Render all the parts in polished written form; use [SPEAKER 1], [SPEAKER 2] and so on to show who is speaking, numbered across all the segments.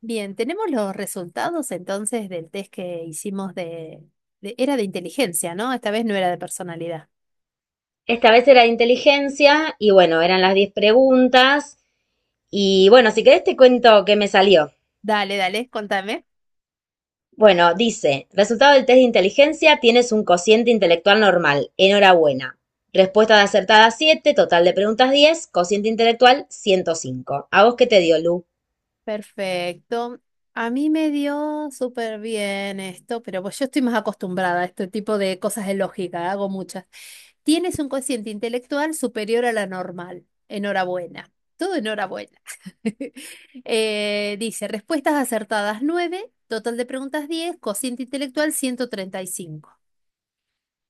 [SPEAKER 1] Bien, tenemos los resultados entonces del test que hicimos Era de inteligencia, ¿no? Esta vez no era de personalidad.
[SPEAKER 2] Esta vez era de inteligencia y bueno, eran las 10 preguntas. Y bueno, si querés te cuento qué me salió.
[SPEAKER 1] Dale, dale, contame.
[SPEAKER 2] Bueno, dice, resultado del test de inteligencia, tienes un cociente intelectual normal. Enhorabuena. Respuesta de acertada, siete. Total de preguntas, 10. Cociente intelectual, 105. ¿A vos qué te dio, Lu?
[SPEAKER 1] Perfecto. A mí me dio súper bien esto, pero pues yo estoy más acostumbrada a este tipo de cosas de lógica, hago muchas. Tienes un cociente intelectual superior a la normal. Enhorabuena. Todo enhorabuena. Dice, respuestas acertadas 9, total de preguntas 10, cociente intelectual 135.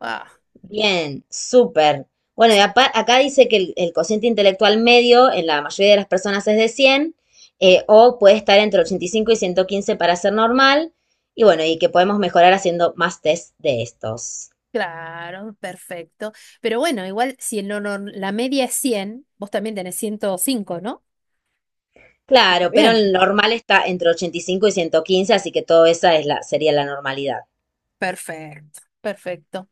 [SPEAKER 1] Ah,
[SPEAKER 2] Bien, súper. Bueno, y acá dice que el cociente intelectual medio en la mayoría de las personas es de 100, o puede estar entre 85 y 115 para ser normal, y bueno, y que podemos mejorar haciendo más test de estos.
[SPEAKER 1] claro, perfecto. Pero bueno, igual si en lo nor- la media es 100, vos también tenés 105, ¿no? Está
[SPEAKER 2] Claro, pero el
[SPEAKER 1] bien.
[SPEAKER 2] normal está entre 85 y ciento quince, así que todo esa es la, sería la normalidad.
[SPEAKER 1] Perfecto, perfecto.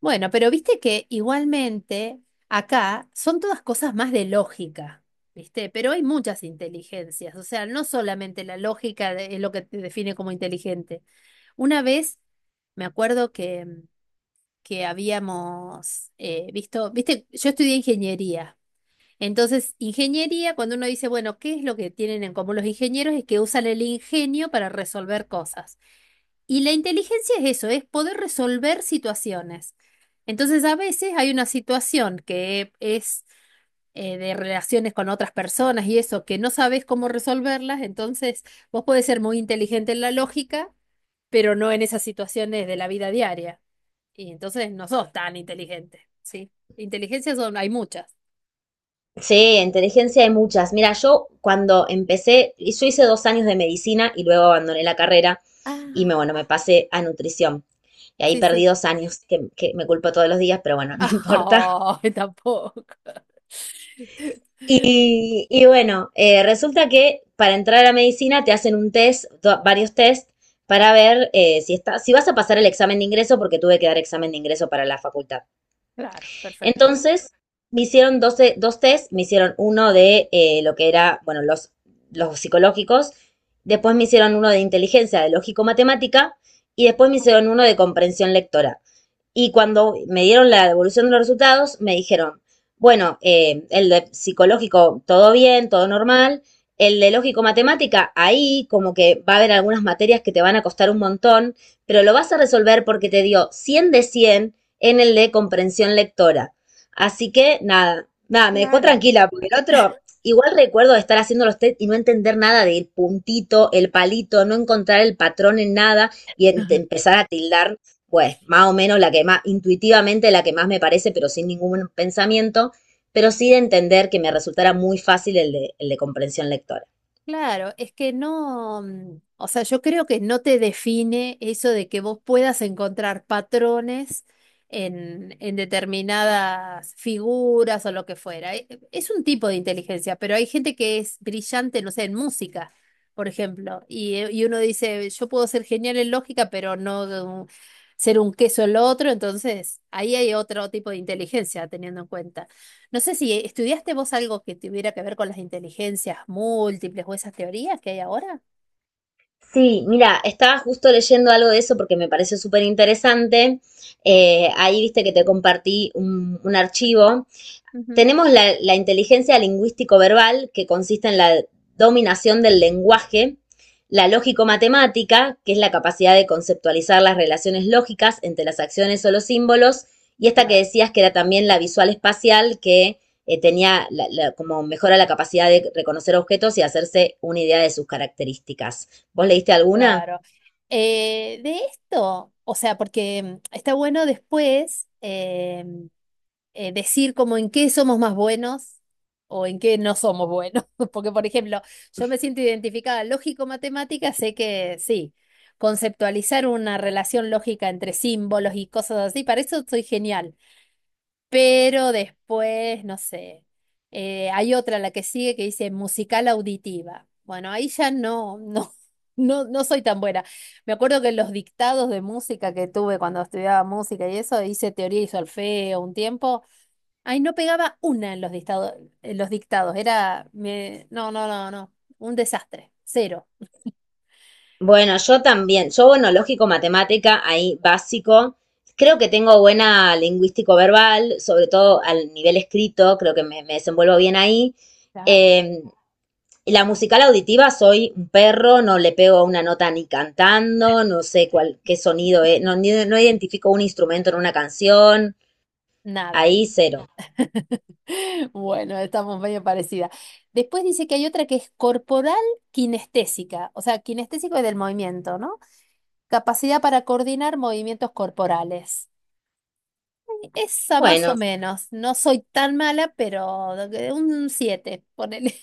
[SPEAKER 1] Bueno, pero viste que igualmente acá son todas cosas más de lógica, ¿viste? Pero hay muchas inteligencias, o sea, no solamente la lógica es lo que te define como inteligente. Una vez me acuerdo que, que habíamos visto, viste, yo estudié ingeniería. Entonces, ingeniería, cuando uno dice, bueno, ¿qué es lo que tienen en común los ingenieros? Es que usan el ingenio para resolver cosas. Y la inteligencia es eso, es poder resolver situaciones. Entonces, a veces hay una situación que es de relaciones con otras personas y eso, que no sabes cómo resolverlas, entonces vos podés ser muy inteligente en la lógica, pero no en esas situaciones de la vida diaria. Y entonces no sos tan inteligente, ¿sí? Inteligencias son, hay muchas.
[SPEAKER 2] Sí, inteligencia hay muchas. Mira, yo cuando empecé, y yo hice 2 años de medicina y luego abandoné la carrera y
[SPEAKER 1] Ah,
[SPEAKER 2] bueno, me pasé a nutrición. Y ahí
[SPEAKER 1] sí, sí.
[SPEAKER 2] perdí 2 años, que me culpo todos los días, pero bueno, no importa.
[SPEAKER 1] Ay, tampoco.
[SPEAKER 2] Y bueno, resulta que para entrar a la medicina te hacen un test, varios test, para ver, si vas a pasar el examen de ingreso, porque tuve que dar examen de ingreso para la facultad.
[SPEAKER 1] Claro, perfecto.
[SPEAKER 2] Entonces, me hicieron 12 dos test, me hicieron uno de, lo que era, bueno, los, psicológicos. Después me hicieron uno de inteligencia, de lógico-matemática, y después me
[SPEAKER 1] Ajá.
[SPEAKER 2] hicieron uno de comprensión lectora. Y cuando me dieron la devolución de los resultados, me dijeron, bueno, el de psicológico, todo bien, todo normal. El de lógico-matemática, ahí como que va a haber algunas materias que te van a costar un montón, pero lo vas a resolver porque te dio 100 de 100 en el de comprensión lectora. Así que nada, nada, me dejó
[SPEAKER 1] Claro.
[SPEAKER 2] tranquila, porque el otro, igual recuerdo de estar haciendo los test y no entender nada del puntito, el palito, no encontrar el patrón en nada y empezar a tildar pues más o menos la que más intuitivamente la que más me parece, pero sin ningún pensamiento, pero sí de entender que me resultara muy fácil el de comprensión lectora.
[SPEAKER 1] Claro, es que no, o sea, yo creo que no te define eso de que vos puedas encontrar patrones en determinadas figuras o lo que fuera. Es un tipo de inteligencia, pero hay gente que es brillante, no sé, en música, por ejemplo, y uno dice, yo puedo ser genial en lógica, pero no ser un queso el otro, entonces ahí hay otro tipo de inteligencia teniendo en cuenta. No sé si estudiaste vos algo que tuviera que ver con las inteligencias múltiples o esas teorías que hay ahora.
[SPEAKER 2] Sí, mira, estaba justo leyendo algo de eso porque me pareció súper interesante. Ahí viste que te compartí un, archivo.
[SPEAKER 1] Ujú.
[SPEAKER 2] Tenemos la, inteligencia lingüístico-verbal, que consiste en la dominación del lenguaje, la lógico-matemática, que es la capacidad de conceptualizar las relaciones lógicas entre las acciones o los símbolos, y esta que
[SPEAKER 1] Claro.
[SPEAKER 2] decías que era también la visual-espacial, que, tenía la, como mejora la capacidad de reconocer objetos y hacerse una idea de sus características. ¿Vos leíste alguna?
[SPEAKER 1] Claro. De esto, o sea, porque está bueno después decir como en qué somos más buenos o en qué no somos buenos. Porque, por ejemplo, yo me siento identificada lógico-matemática, sé que sí, conceptualizar una relación lógica entre símbolos y cosas así, para eso soy genial. Pero después, no sé, hay otra, la que sigue, que dice musical auditiva. Bueno, ahí ya no, no, no, no soy tan buena. Me acuerdo que en los dictados de música que tuve cuando estudiaba música y eso, hice teoría y solfeo un tiempo. Ay, no pegaba una en los dictados, en los dictados. Era, no, no, no, no, un desastre, cero,
[SPEAKER 2] Bueno, yo también. Yo, bueno, lógico, matemática, ahí básico. Creo que tengo buena lingüístico verbal, sobre todo al nivel escrito, creo que me desenvuelvo bien ahí.
[SPEAKER 1] Claro.
[SPEAKER 2] Eh, la musical auditiva, soy un perro, no le pego a una nota ni cantando, no sé cuál, qué sonido es, no, no identifico un instrumento en una canción,
[SPEAKER 1] Nada.
[SPEAKER 2] ahí cero.
[SPEAKER 1] Bueno, estamos medio parecidas. Después dice que hay otra que es corporal kinestésica, o sea, kinestésico es del movimiento, ¿no? Capacidad para coordinar movimientos corporales. Esa más o
[SPEAKER 2] Bueno,
[SPEAKER 1] menos. No soy tan mala, pero un siete, ponele.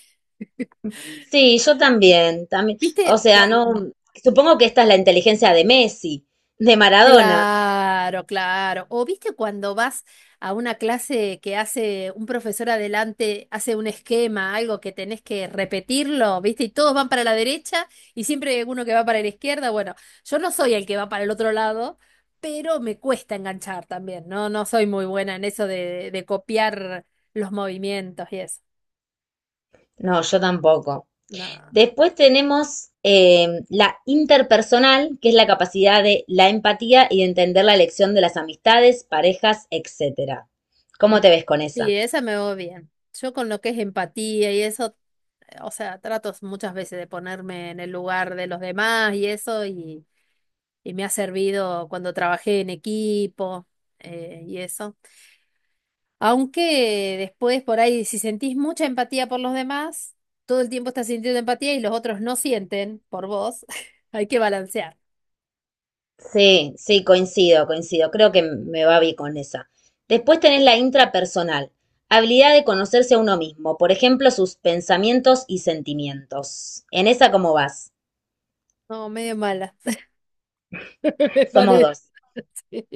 [SPEAKER 2] sí, yo también, también, o
[SPEAKER 1] ¿Viste?
[SPEAKER 2] sea,
[SPEAKER 1] ¿Juan?
[SPEAKER 2] no, supongo que esta es la inteligencia de Messi, de Maradona.
[SPEAKER 1] Claro, claro. O viste cuando vas a una clase que hace un profesor adelante, hace un esquema, algo que tenés que repetirlo, viste, y todos van para la derecha y siempre hay uno que va para la izquierda. Bueno, yo no soy el que va para el otro lado, pero me cuesta enganchar también, ¿no? No soy muy buena en eso de copiar los movimientos y eso.
[SPEAKER 2] No, yo tampoco.
[SPEAKER 1] No.
[SPEAKER 2] Después tenemos, la interpersonal, que es la capacidad de la empatía y de entender la elección de las amistades, parejas, etcétera.
[SPEAKER 1] Mm.
[SPEAKER 2] ¿Cómo te ves con
[SPEAKER 1] Sí,
[SPEAKER 2] esa?
[SPEAKER 1] esa me va bien. Yo con lo que es empatía y eso o sea, trato muchas veces de ponerme en el lugar de los demás y eso, y me ha servido cuando trabajé en equipo y eso. Aunque después por ahí, si sentís mucha empatía por los demás, todo el tiempo estás sintiendo empatía y los otros no sienten por vos, hay que balancear.
[SPEAKER 2] Sí, sí, coincido, coincido. Creo que me va bien con esa. Después tenés la intrapersonal, habilidad de conocerse a uno mismo, por ejemplo, sus pensamientos y sentimientos. ¿En esa cómo vas?
[SPEAKER 1] No, medio mala, me
[SPEAKER 2] Somos
[SPEAKER 1] parece.
[SPEAKER 2] dos.
[SPEAKER 1] Sí.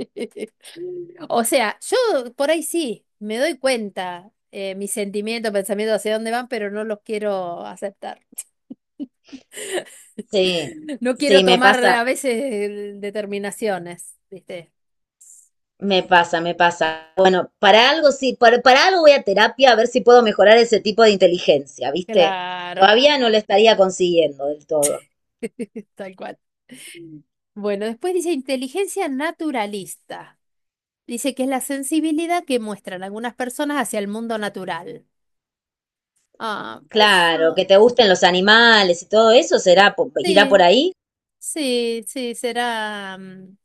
[SPEAKER 1] O sea, yo por ahí sí, me doy cuenta mis sentimientos, pensamientos hacia dónde van, pero no los quiero aceptar.
[SPEAKER 2] Sí,
[SPEAKER 1] No quiero
[SPEAKER 2] sí, me
[SPEAKER 1] tomar
[SPEAKER 2] pasa,
[SPEAKER 1] a veces determinaciones, ¿viste?
[SPEAKER 2] me pasa, me pasa. Bueno, para algo sí, para algo voy a terapia a ver si puedo mejorar ese tipo de inteligencia, ¿viste?
[SPEAKER 1] Claro,
[SPEAKER 2] Todavía no lo estaría consiguiendo del todo.
[SPEAKER 1] tal cual. Bueno, después dice inteligencia naturalista. Dice que es la sensibilidad que muestran algunas personas hacia el mundo natural. Ah,
[SPEAKER 2] Claro, que
[SPEAKER 1] eso
[SPEAKER 2] te gusten los animales y todo eso, será, irá por
[SPEAKER 1] sí,
[SPEAKER 2] ahí.
[SPEAKER 1] sí, sí, será.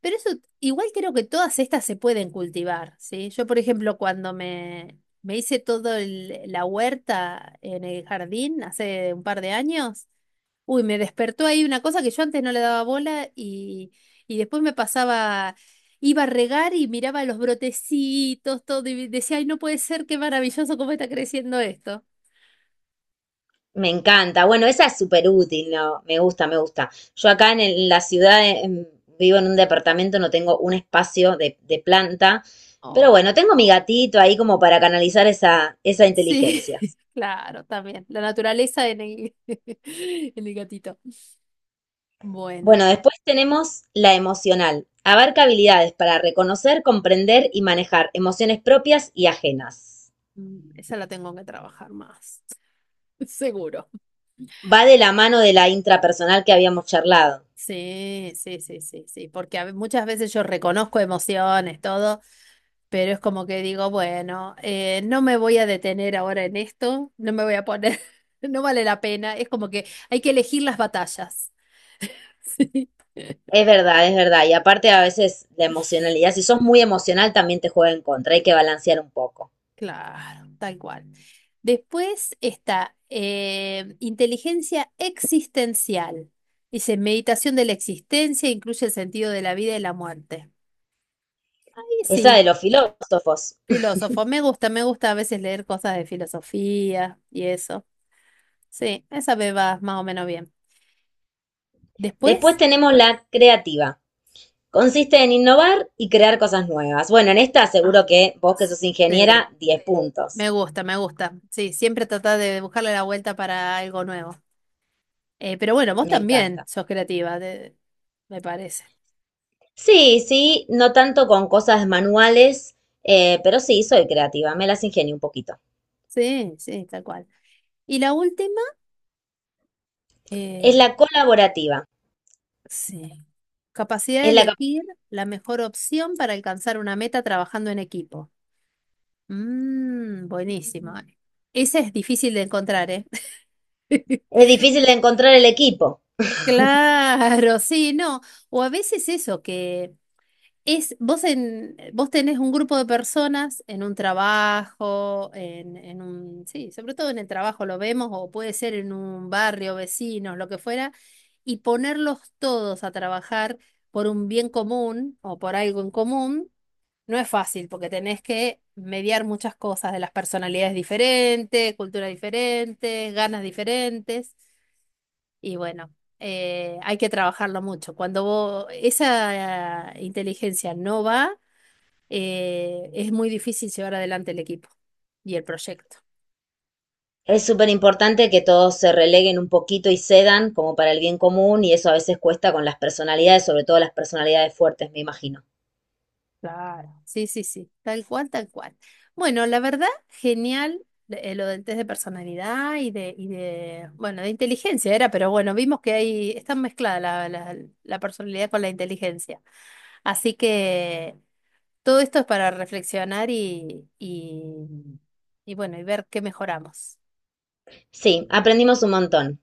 [SPEAKER 1] Pero eso, igual creo que todas estas se pueden cultivar, ¿sí? Yo, por ejemplo, cuando me hice todo la huerta en el jardín hace un par de años, uy, me despertó ahí una cosa que yo antes no le daba bola y después me pasaba, iba a regar y miraba los brotecitos, todo, y decía, ay, no puede ser, qué maravilloso cómo está creciendo esto.
[SPEAKER 2] Me encanta. Bueno, esa es súper útil, ¿no? Me gusta, me gusta. Yo acá en la ciudad, vivo en un departamento, no tengo un espacio de planta, pero bueno, tengo mi gatito ahí como para canalizar esa
[SPEAKER 1] Sí,
[SPEAKER 2] inteligencia.
[SPEAKER 1] claro, también. La naturaleza en el, en el gatito. Bueno,
[SPEAKER 2] Bueno, después tenemos la emocional. Abarca habilidades para reconocer, comprender y manejar emociones propias y ajenas.
[SPEAKER 1] esa la tengo que trabajar más, seguro.
[SPEAKER 2] Va de la mano de la intrapersonal que habíamos charlado.
[SPEAKER 1] Sí, sí, sí, sí, sí, porque muchas veces yo reconozco emociones, todo, pero es como que digo, bueno, no me voy a detener ahora en esto, no me voy a poner, no vale la pena, es como que hay que elegir las batallas.
[SPEAKER 2] Es verdad, es verdad. Y aparte a veces la emocionalidad, si sos muy emocional también te juega en contra, hay que balancear un poco.
[SPEAKER 1] Claro, tal cual. Después está inteligencia existencial. Dice, meditación de la existencia incluye el sentido de la vida y la muerte. Y
[SPEAKER 2] Esa de
[SPEAKER 1] sí,
[SPEAKER 2] los filósofos.
[SPEAKER 1] filósofo. Me gusta a veces leer cosas de filosofía y eso. Sí, esa me va más o menos bien.
[SPEAKER 2] Después
[SPEAKER 1] Después,
[SPEAKER 2] tenemos la creativa. Consiste en innovar y crear cosas nuevas. Bueno, en esta
[SPEAKER 1] ah,
[SPEAKER 2] seguro que vos que
[SPEAKER 1] sí,
[SPEAKER 2] sos ingeniera, 10 puntos.
[SPEAKER 1] me gusta, me gusta. Sí, siempre tratar de buscarle la vuelta para algo nuevo. Pero bueno, vos
[SPEAKER 2] Me
[SPEAKER 1] también
[SPEAKER 2] encanta.
[SPEAKER 1] sos creativa, me parece.
[SPEAKER 2] Sí, sí, no tanto con cosas manuales, pero sí, soy creativa, me las ingenio un poquito.
[SPEAKER 1] Sí, sí, tal cual. Y la última,
[SPEAKER 2] Es
[SPEAKER 1] eh,
[SPEAKER 2] la colaborativa.
[SPEAKER 1] sí, capacidad de
[SPEAKER 2] es la, cap-
[SPEAKER 1] elegir la mejor opción para alcanzar una meta trabajando en equipo. Mmm, buenísimo.
[SPEAKER 2] Mm.
[SPEAKER 1] Ese es difícil de encontrar, ¿eh?
[SPEAKER 2] Es difícil de encontrar el equipo.
[SPEAKER 1] Claro, sí, no. O a veces eso, en, vos tenés un grupo de personas en un trabajo, en, sí, sobre todo en el trabajo lo vemos, o puede ser en un barrio, vecinos, lo que fuera, y ponerlos todos a trabajar por un bien común o por algo en común, no es fácil, porque tenés que mediar muchas cosas de las personalidades diferentes, culturas diferentes, ganas diferentes, y bueno hay que trabajarlo mucho. Cuando esa inteligencia no va, es muy difícil llevar adelante el equipo y el proyecto.
[SPEAKER 2] Es súper importante que todos se releguen un poquito y cedan como para el bien común y eso a veces cuesta con las personalidades, sobre todo las personalidades fuertes, me imagino.
[SPEAKER 1] Claro. Sí, sí, sí, tal cual, tal cual. Bueno, la verdad, genial lo del test de personalidad y de, bueno, de inteligencia era, pero bueno, vimos que ahí está mezclada la personalidad con la inteligencia. Así que todo esto es para reflexionar y bueno, y ver qué mejoramos.
[SPEAKER 2] Sí, aprendimos un montón.